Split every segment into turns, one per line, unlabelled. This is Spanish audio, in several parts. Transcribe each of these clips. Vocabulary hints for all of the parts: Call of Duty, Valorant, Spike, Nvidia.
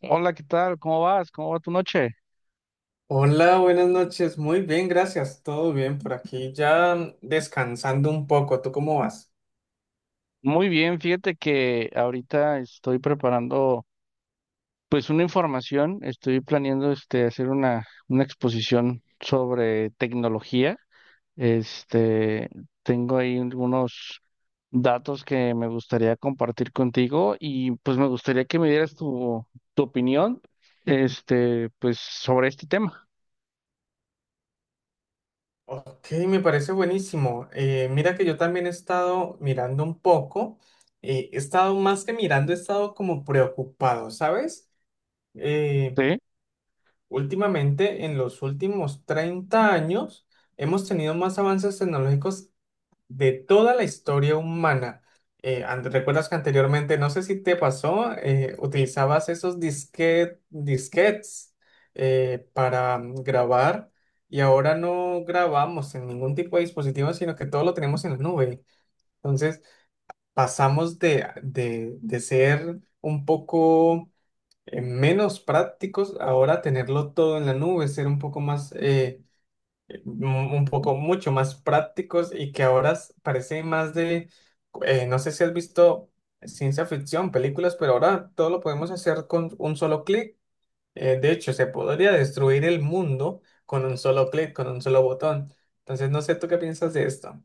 Sí. Hola, ¿qué tal? ¿Cómo vas? ¿Cómo va tu noche?
Hola, buenas noches. Muy bien, gracias. Todo bien por aquí. Ya descansando un poco. ¿Tú cómo vas?
Muy bien, fíjate que ahorita estoy preparando pues una información, estoy planeando hacer una exposición sobre tecnología. Este, Tengo ahí algunos datos que me gustaría compartir contigo y pues me gustaría que me dieras tu opinión pues sobre este tema.
Ok, me parece buenísimo. Mira que yo también he estado mirando un poco. He estado más que mirando, he estado como preocupado, ¿sabes? Eh,
¿Sí?
Últimamente, en los últimos 30 años, hemos tenido más avances tecnológicos de toda la historia humana. ¿Recuerdas que anteriormente, no sé si te pasó, utilizabas esos disquetes para grabar y ahora no grabamos en ningún tipo de dispositivo, sino que todo lo tenemos en la nube? Entonces, pasamos de ser un poco menos prácticos ahora a tenerlo todo en la nube, ser un poco más... mu- un poco mucho más prácticos y que ahora parece más de, no sé si has visto ciencia ficción, películas, pero ahora todo lo podemos hacer con un solo clic. De hecho, se podría destruir el mundo con un solo clic, con un solo botón. Entonces, no sé tú qué piensas de esto.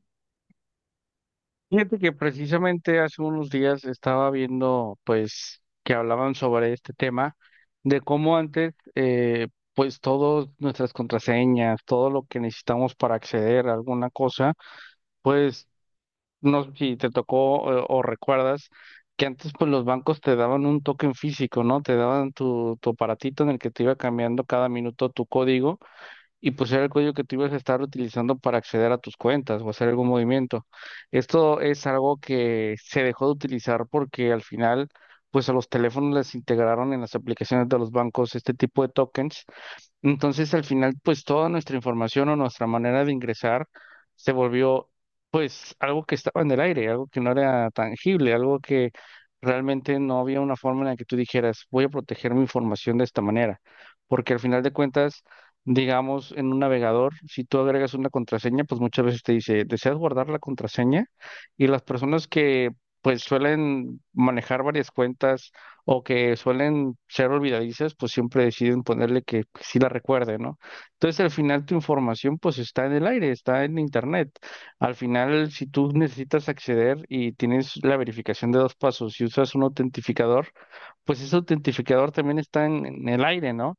Fíjate que precisamente hace unos días estaba viendo, pues, que hablaban sobre este tema, de cómo antes, pues, todas nuestras contraseñas, todo lo que necesitamos para acceder a alguna cosa, pues, no sé si te tocó o recuerdas que antes, pues, los bancos te daban un token físico, ¿no? Te daban tu aparatito en el que te iba cambiando cada minuto tu código y pues era el código que tú ibas a estar utilizando para acceder a tus cuentas o hacer algún movimiento. Esto es algo que se dejó de utilizar porque al final, pues a los teléfonos les integraron en las aplicaciones de los bancos este tipo de tokens. Entonces, al final, pues toda nuestra información o nuestra manera de ingresar se volvió, pues, algo que estaba en el aire, algo que no era tangible, algo que realmente no había una forma en la que tú dijeras, voy a proteger mi información de esta manera. Porque al final de cuentas, digamos, en un navegador, si tú agregas una contraseña, pues muchas veces te dice, ¿deseas guardar la contraseña? Y las personas que, pues, suelen manejar varias cuentas o que suelen ser olvidadizas, pues siempre deciden ponerle que sí la recuerde, ¿no? Entonces al final tu información pues está en el aire, está en internet. Al final si tú necesitas acceder y tienes la verificación de dos pasos y usas un autentificador, pues ese autentificador también está en el aire, ¿no?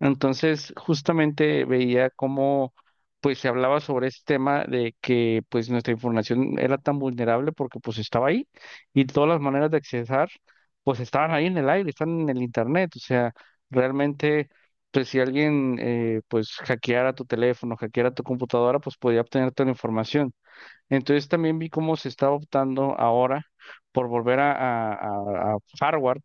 Entonces, justamente veía cómo pues se hablaba sobre este tema de que pues nuestra información era tan vulnerable porque pues estaba ahí y todas las maneras de accesar pues estaban ahí en el aire, están en el internet, o sea, realmente pues si alguien pues hackeara tu teléfono, hackeara tu computadora, pues podía obtener toda la información. Entonces también vi cómo se está optando ahora por volver a hardware,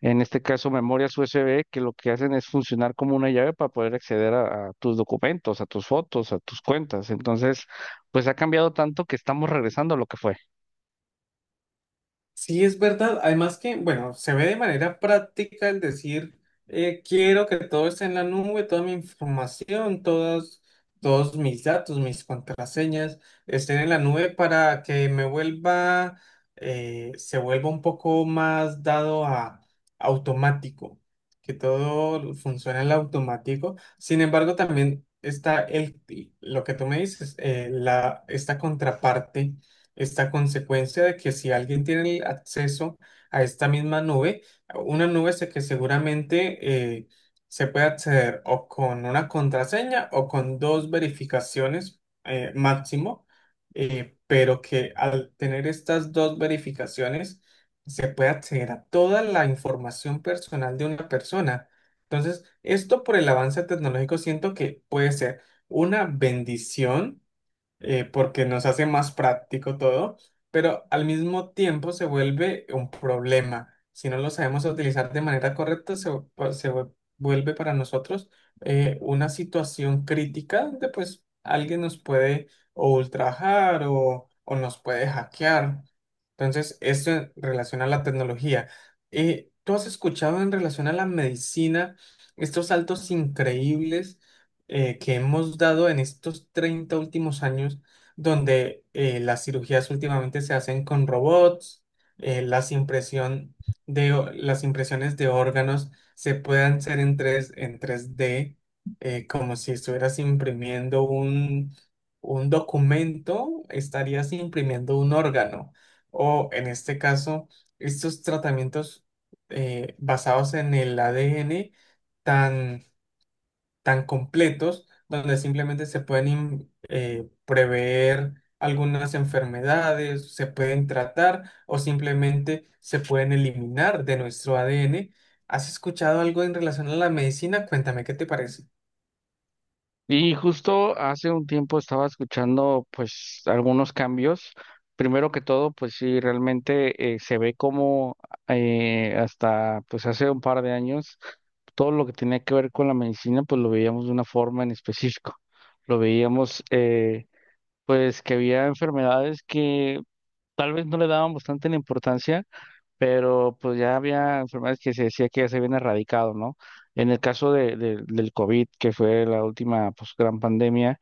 en este caso memorias USB, que lo que hacen es funcionar como una llave para poder acceder a tus documentos, a tus fotos, a tus cuentas. Entonces, pues ha cambiado tanto que estamos regresando a lo que fue.
Sí, es verdad. Además que, bueno, se ve de manera práctica el decir, quiero que todo esté en la nube, toda mi información, todos mis datos, mis contraseñas estén en la nube para que me vuelva, se vuelva un poco más dado a automático, que todo funcione en automático. Sin embargo, también está lo que tú me dices, esta contraparte, esta consecuencia de que si alguien tiene el acceso a esta misma nube, una nube que seguramente se puede acceder o con una contraseña o con dos verificaciones máximo, pero que al tener estas dos verificaciones se puede acceder a toda la información personal de una persona. Entonces, esto por el avance tecnológico siento que puede ser una bendición porque nos hace más práctico todo, pero al mismo tiempo se vuelve un problema. Si no lo sabemos utilizar de manera correcta, se, vu- pa- se vu- vuelve para nosotros una situación crítica donde pues alguien nos puede o ultrajar o nos puede hackear. Entonces, esto en relación a la tecnología. ¿Tú has escuchado en relación a la medicina estos saltos increíbles, que hemos dado en estos 30 últimos años, donde las cirugías últimamente se hacen con robots, eh, las impresión las impresiones de órganos se pueden hacer en tres d, como si estuvieras imprimiendo un documento, estarías imprimiendo un órgano? O en este caso, estos tratamientos basados en el ADN tan tan completos, donde simplemente se pueden prever algunas enfermedades, se pueden tratar o simplemente se pueden eliminar de nuestro ADN. ¿Has escuchado algo en relación a la medicina? Cuéntame, ¿qué te parece?
Y justo hace un tiempo estaba escuchando pues algunos cambios. Primero que todo, pues sí, realmente se ve como hasta pues hace un par de años todo lo que tenía que ver con la medicina pues lo veíamos de una forma en específico. Lo veíamos, pues, que había enfermedades que tal vez no le dábamos tanta la importancia, pero pues ya había enfermedades que se decía que ya se habían erradicado, ¿no? En el caso del COVID, que fue la última pues, gran pandemia,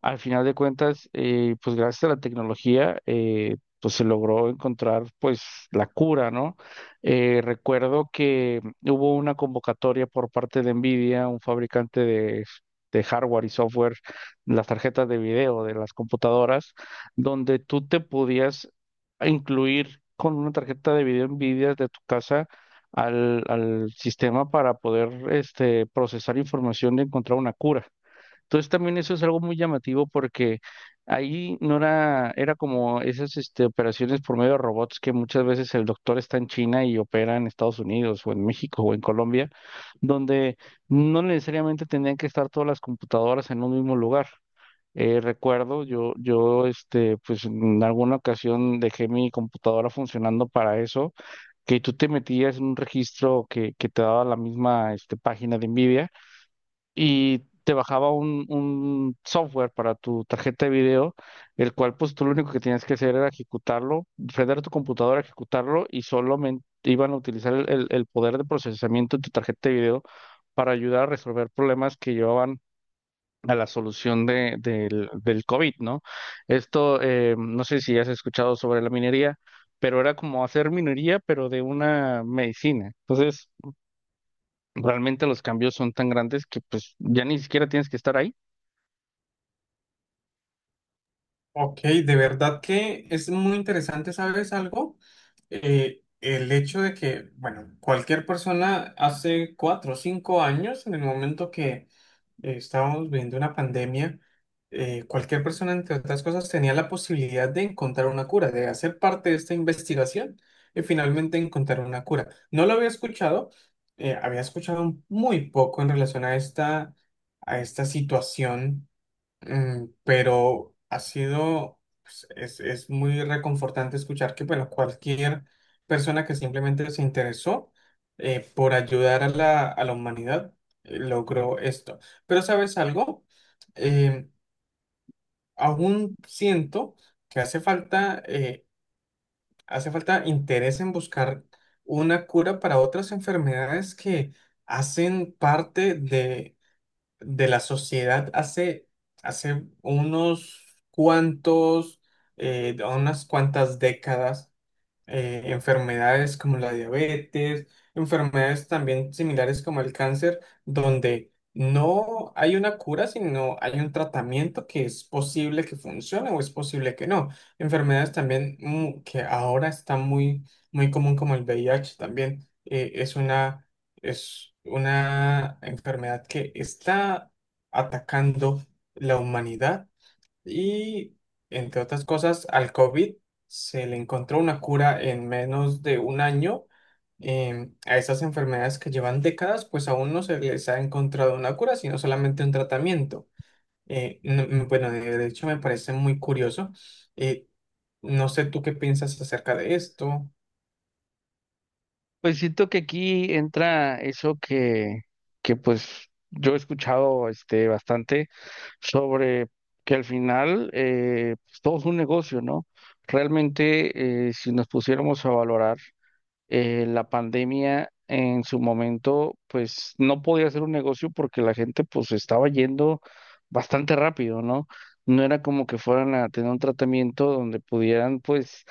al final de cuentas, pues gracias a la tecnología, pues se logró encontrar pues la cura, ¿no? Recuerdo que hubo una convocatoria por parte de Nvidia, un fabricante de hardware y software, las tarjetas de video de las computadoras, donde tú te podías incluir con una tarjeta de video Nvidia de tu casa al sistema para poder procesar información y encontrar una cura. Entonces también eso es algo muy llamativo porque ahí no era, era como esas operaciones por medio de robots que muchas veces el doctor está en China y opera en Estados Unidos o en México o en Colombia, donde no necesariamente tendrían que estar todas las computadoras en un mismo lugar. Recuerdo, pues en alguna ocasión dejé mi computadora funcionando para eso, que tú te metías en un registro que te daba la misma, página de NVIDIA y te bajaba un software para tu tarjeta de video, el cual pues tú lo único que tenías que hacer era ejecutarlo, prender tu computadora, ejecutarlo y solamente iban a utilizar el poder de procesamiento de tu tarjeta de video para ayudar a resolver problemas que llevaban a la solución del COVID, ¿no? Esto, no sé si has escuchado sobre la minería, pero era como hacer minería, pero de una medicina. Entonces, realmente los cambios son tan grandes que pues ya ni siquiera tienes que estar ahí.
Ok, de verdad que es muy interesante, ¿sabes algo? El hecho de que, bueno, cualquier persona hace 4 o 5 años, en el momento que estábamos viviendo una pandemia, cualquier persona, entre otras cosas, tenía la posibilidad de encontrar una cura, de hacer parte de esta investigación y finalmente encontrar una cura. No lo había escuchado muy poco en relación a a esta situación. Mm, pero ha sido, pues, es muy reconfortante escuchar que bueno, cualquier persona que simplemente se interesó por ayudar a a la humanidad logró esto. Pero ¿sabes algo? Eh, Aún siento que hace falta interés en buscar una cura para otras enfermedades que hacen parte de la sociedad hace unos cuantos, unas cuantas décadas, enfermedades como la diabetes, enfermedades también similares como el cáncer, donde no hay una cura, sino hay un tratamiento que es posible que funcione o es posible que no. Enfermedades también que ahora está muy común como el VIH también, es una enfermedad que está atacando la humanidad y, entre otras cosas, al COVID se le encontró una cura en menos de un año. A estas enfermedades que llevan décadas, pues aún no se les ha encontrado una cura, sino solamente un tratamiento. Bueno, de hecho me parece muy curioso. Eh, no sé tú qué piensas acerca de esto.
Pues siento que aquí entra eso que pues yo he escuchado bastante sobre que al final pues, todo es un negocio, ¿no? Realmente, si nos pusiéramos a valorar la pandemia en su momento, pues no podía hacer un negocio porque la gente pues estaba yendo bastante rápido, ¿no? No era como que fueran a tener un tratamiento donde pudieran pues,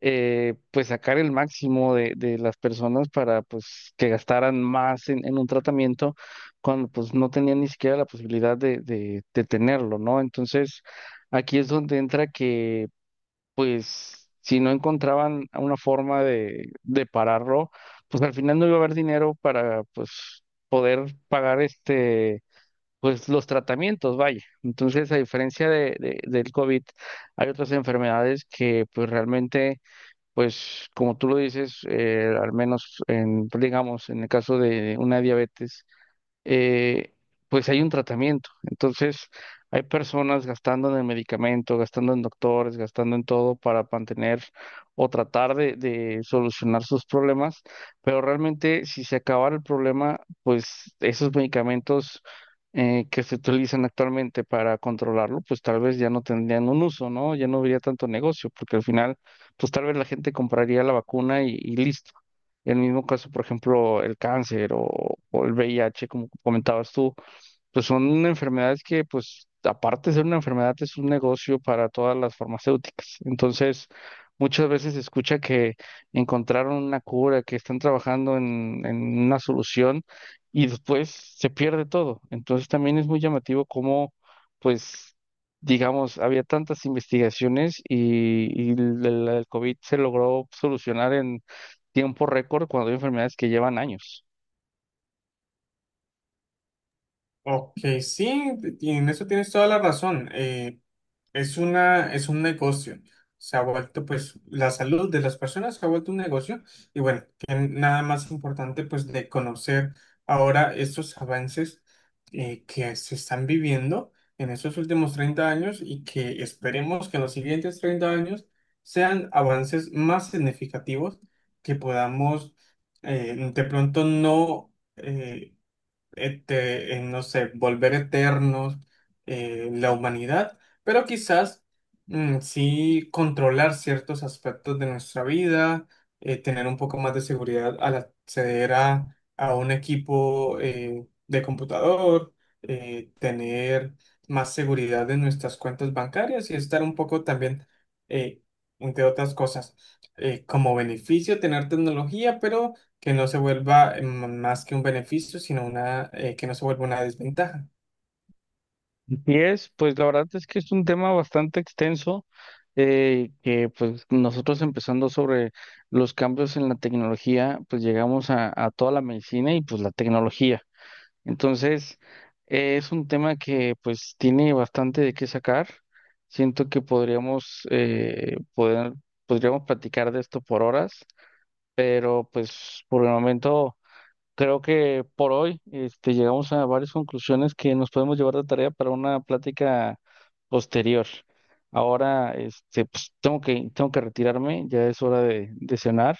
pues sacar el máximo de las personas para pues que gastaran más en un tratamiento cuando pues no tenían ni siquiera la posibilidad de tenerlo, ¿no? Entonces, aquí es donde entra que pues si no encontraban una forma de pararlo, pues al final no iba a haber dinero para pues poder pagar pues los tratamientos, vaya. Entonces, a diferencia del COVID, hay otras enfermedades que pues realmente pues como tú lo dices, al menos en digamos en el caso de una diabetes, eh, pues hay un tratamiento. Entonces, hay personas gastando en el medicamento, gastando en doctores, gastando en todo para mantener o tratar de solucionar sus problemas, pero realmente si se acabara el problema, pues esos medicamentos, que se utilizan actualmente para controlarlo, pues tal vez ya no tendrían un uso, ¿no? Ya no habría tanto negocio, porque al final, pues tal vez la gente compraría la vacuna y listo. En el mismo caso, por ejemplo, el cáncer o el VIH, como comentabas tú, pues son enfermedades que, pues, aparte de ser una enfermedad, es un negocio para todas las farmacéuticas. Entonces, muchas veces se escucha que encontraron una cura, que están trabajando en una solución y después se pierde todo. Entonces, también es muy llamativo cómo, pues, digamos, había tantas investigaciones y el COVID se logró solucionar tiempo récord cuando hay enfermedades que llevan años.
Ok, sí, en eso tienes toda la razón. Es un negocio. Se ha vuelto, pues, la salud de las personas se ha vuelto un negocio. Y bueno, que nada más importante, pues, de conocer ahora estos avances, que se están viviendo en estos últimos 30 años y que esperemos que en los siguientes 30 años sean avances más significativos, que podamos de pronto no este, en, no sé, volver eternos, la humanidad, pero quizás sí controlar ciertos aspectos de nuestra vida, tener un poco más de seguridad al acceder a un equipo de computador, tener más seguridad en nuestras cuentas bancarias y estar un poco también, eh, entre otras cosas, como beneficio tener tecnología, pero que no se vuelva más que un beneficio, sino que no se vuelva una desventaja.
Y es, pues la verdad es que es un tema bastante extenso, que pues nosotros empezando sobre los cambios en la tecnología, pues llegamos a toda la medicina y pues la tecnología. Entonces, es un tema que pues tiene bastante de qué sacar. Siento que podríamos, podríamos platicar de esto por horas, pero pues por el momento... Creo que por hoy llegamos a varias conclusiones que nos podemos llevar de tarea para una plática posterior. Ahora pues, tengo que retirarme, ya es hora de cenar,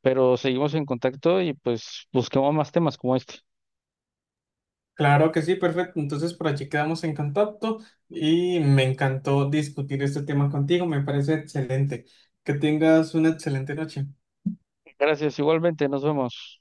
pero seguimos en contacto y pues busquemos más temas como este.
Claro que sí, perfecto. Entonces por allí quedamos en contacto y me encantó discutir este tema contigo. Me parece excelente. Que tengas una excelente noche.
Gracias, igualmente, nos vemos.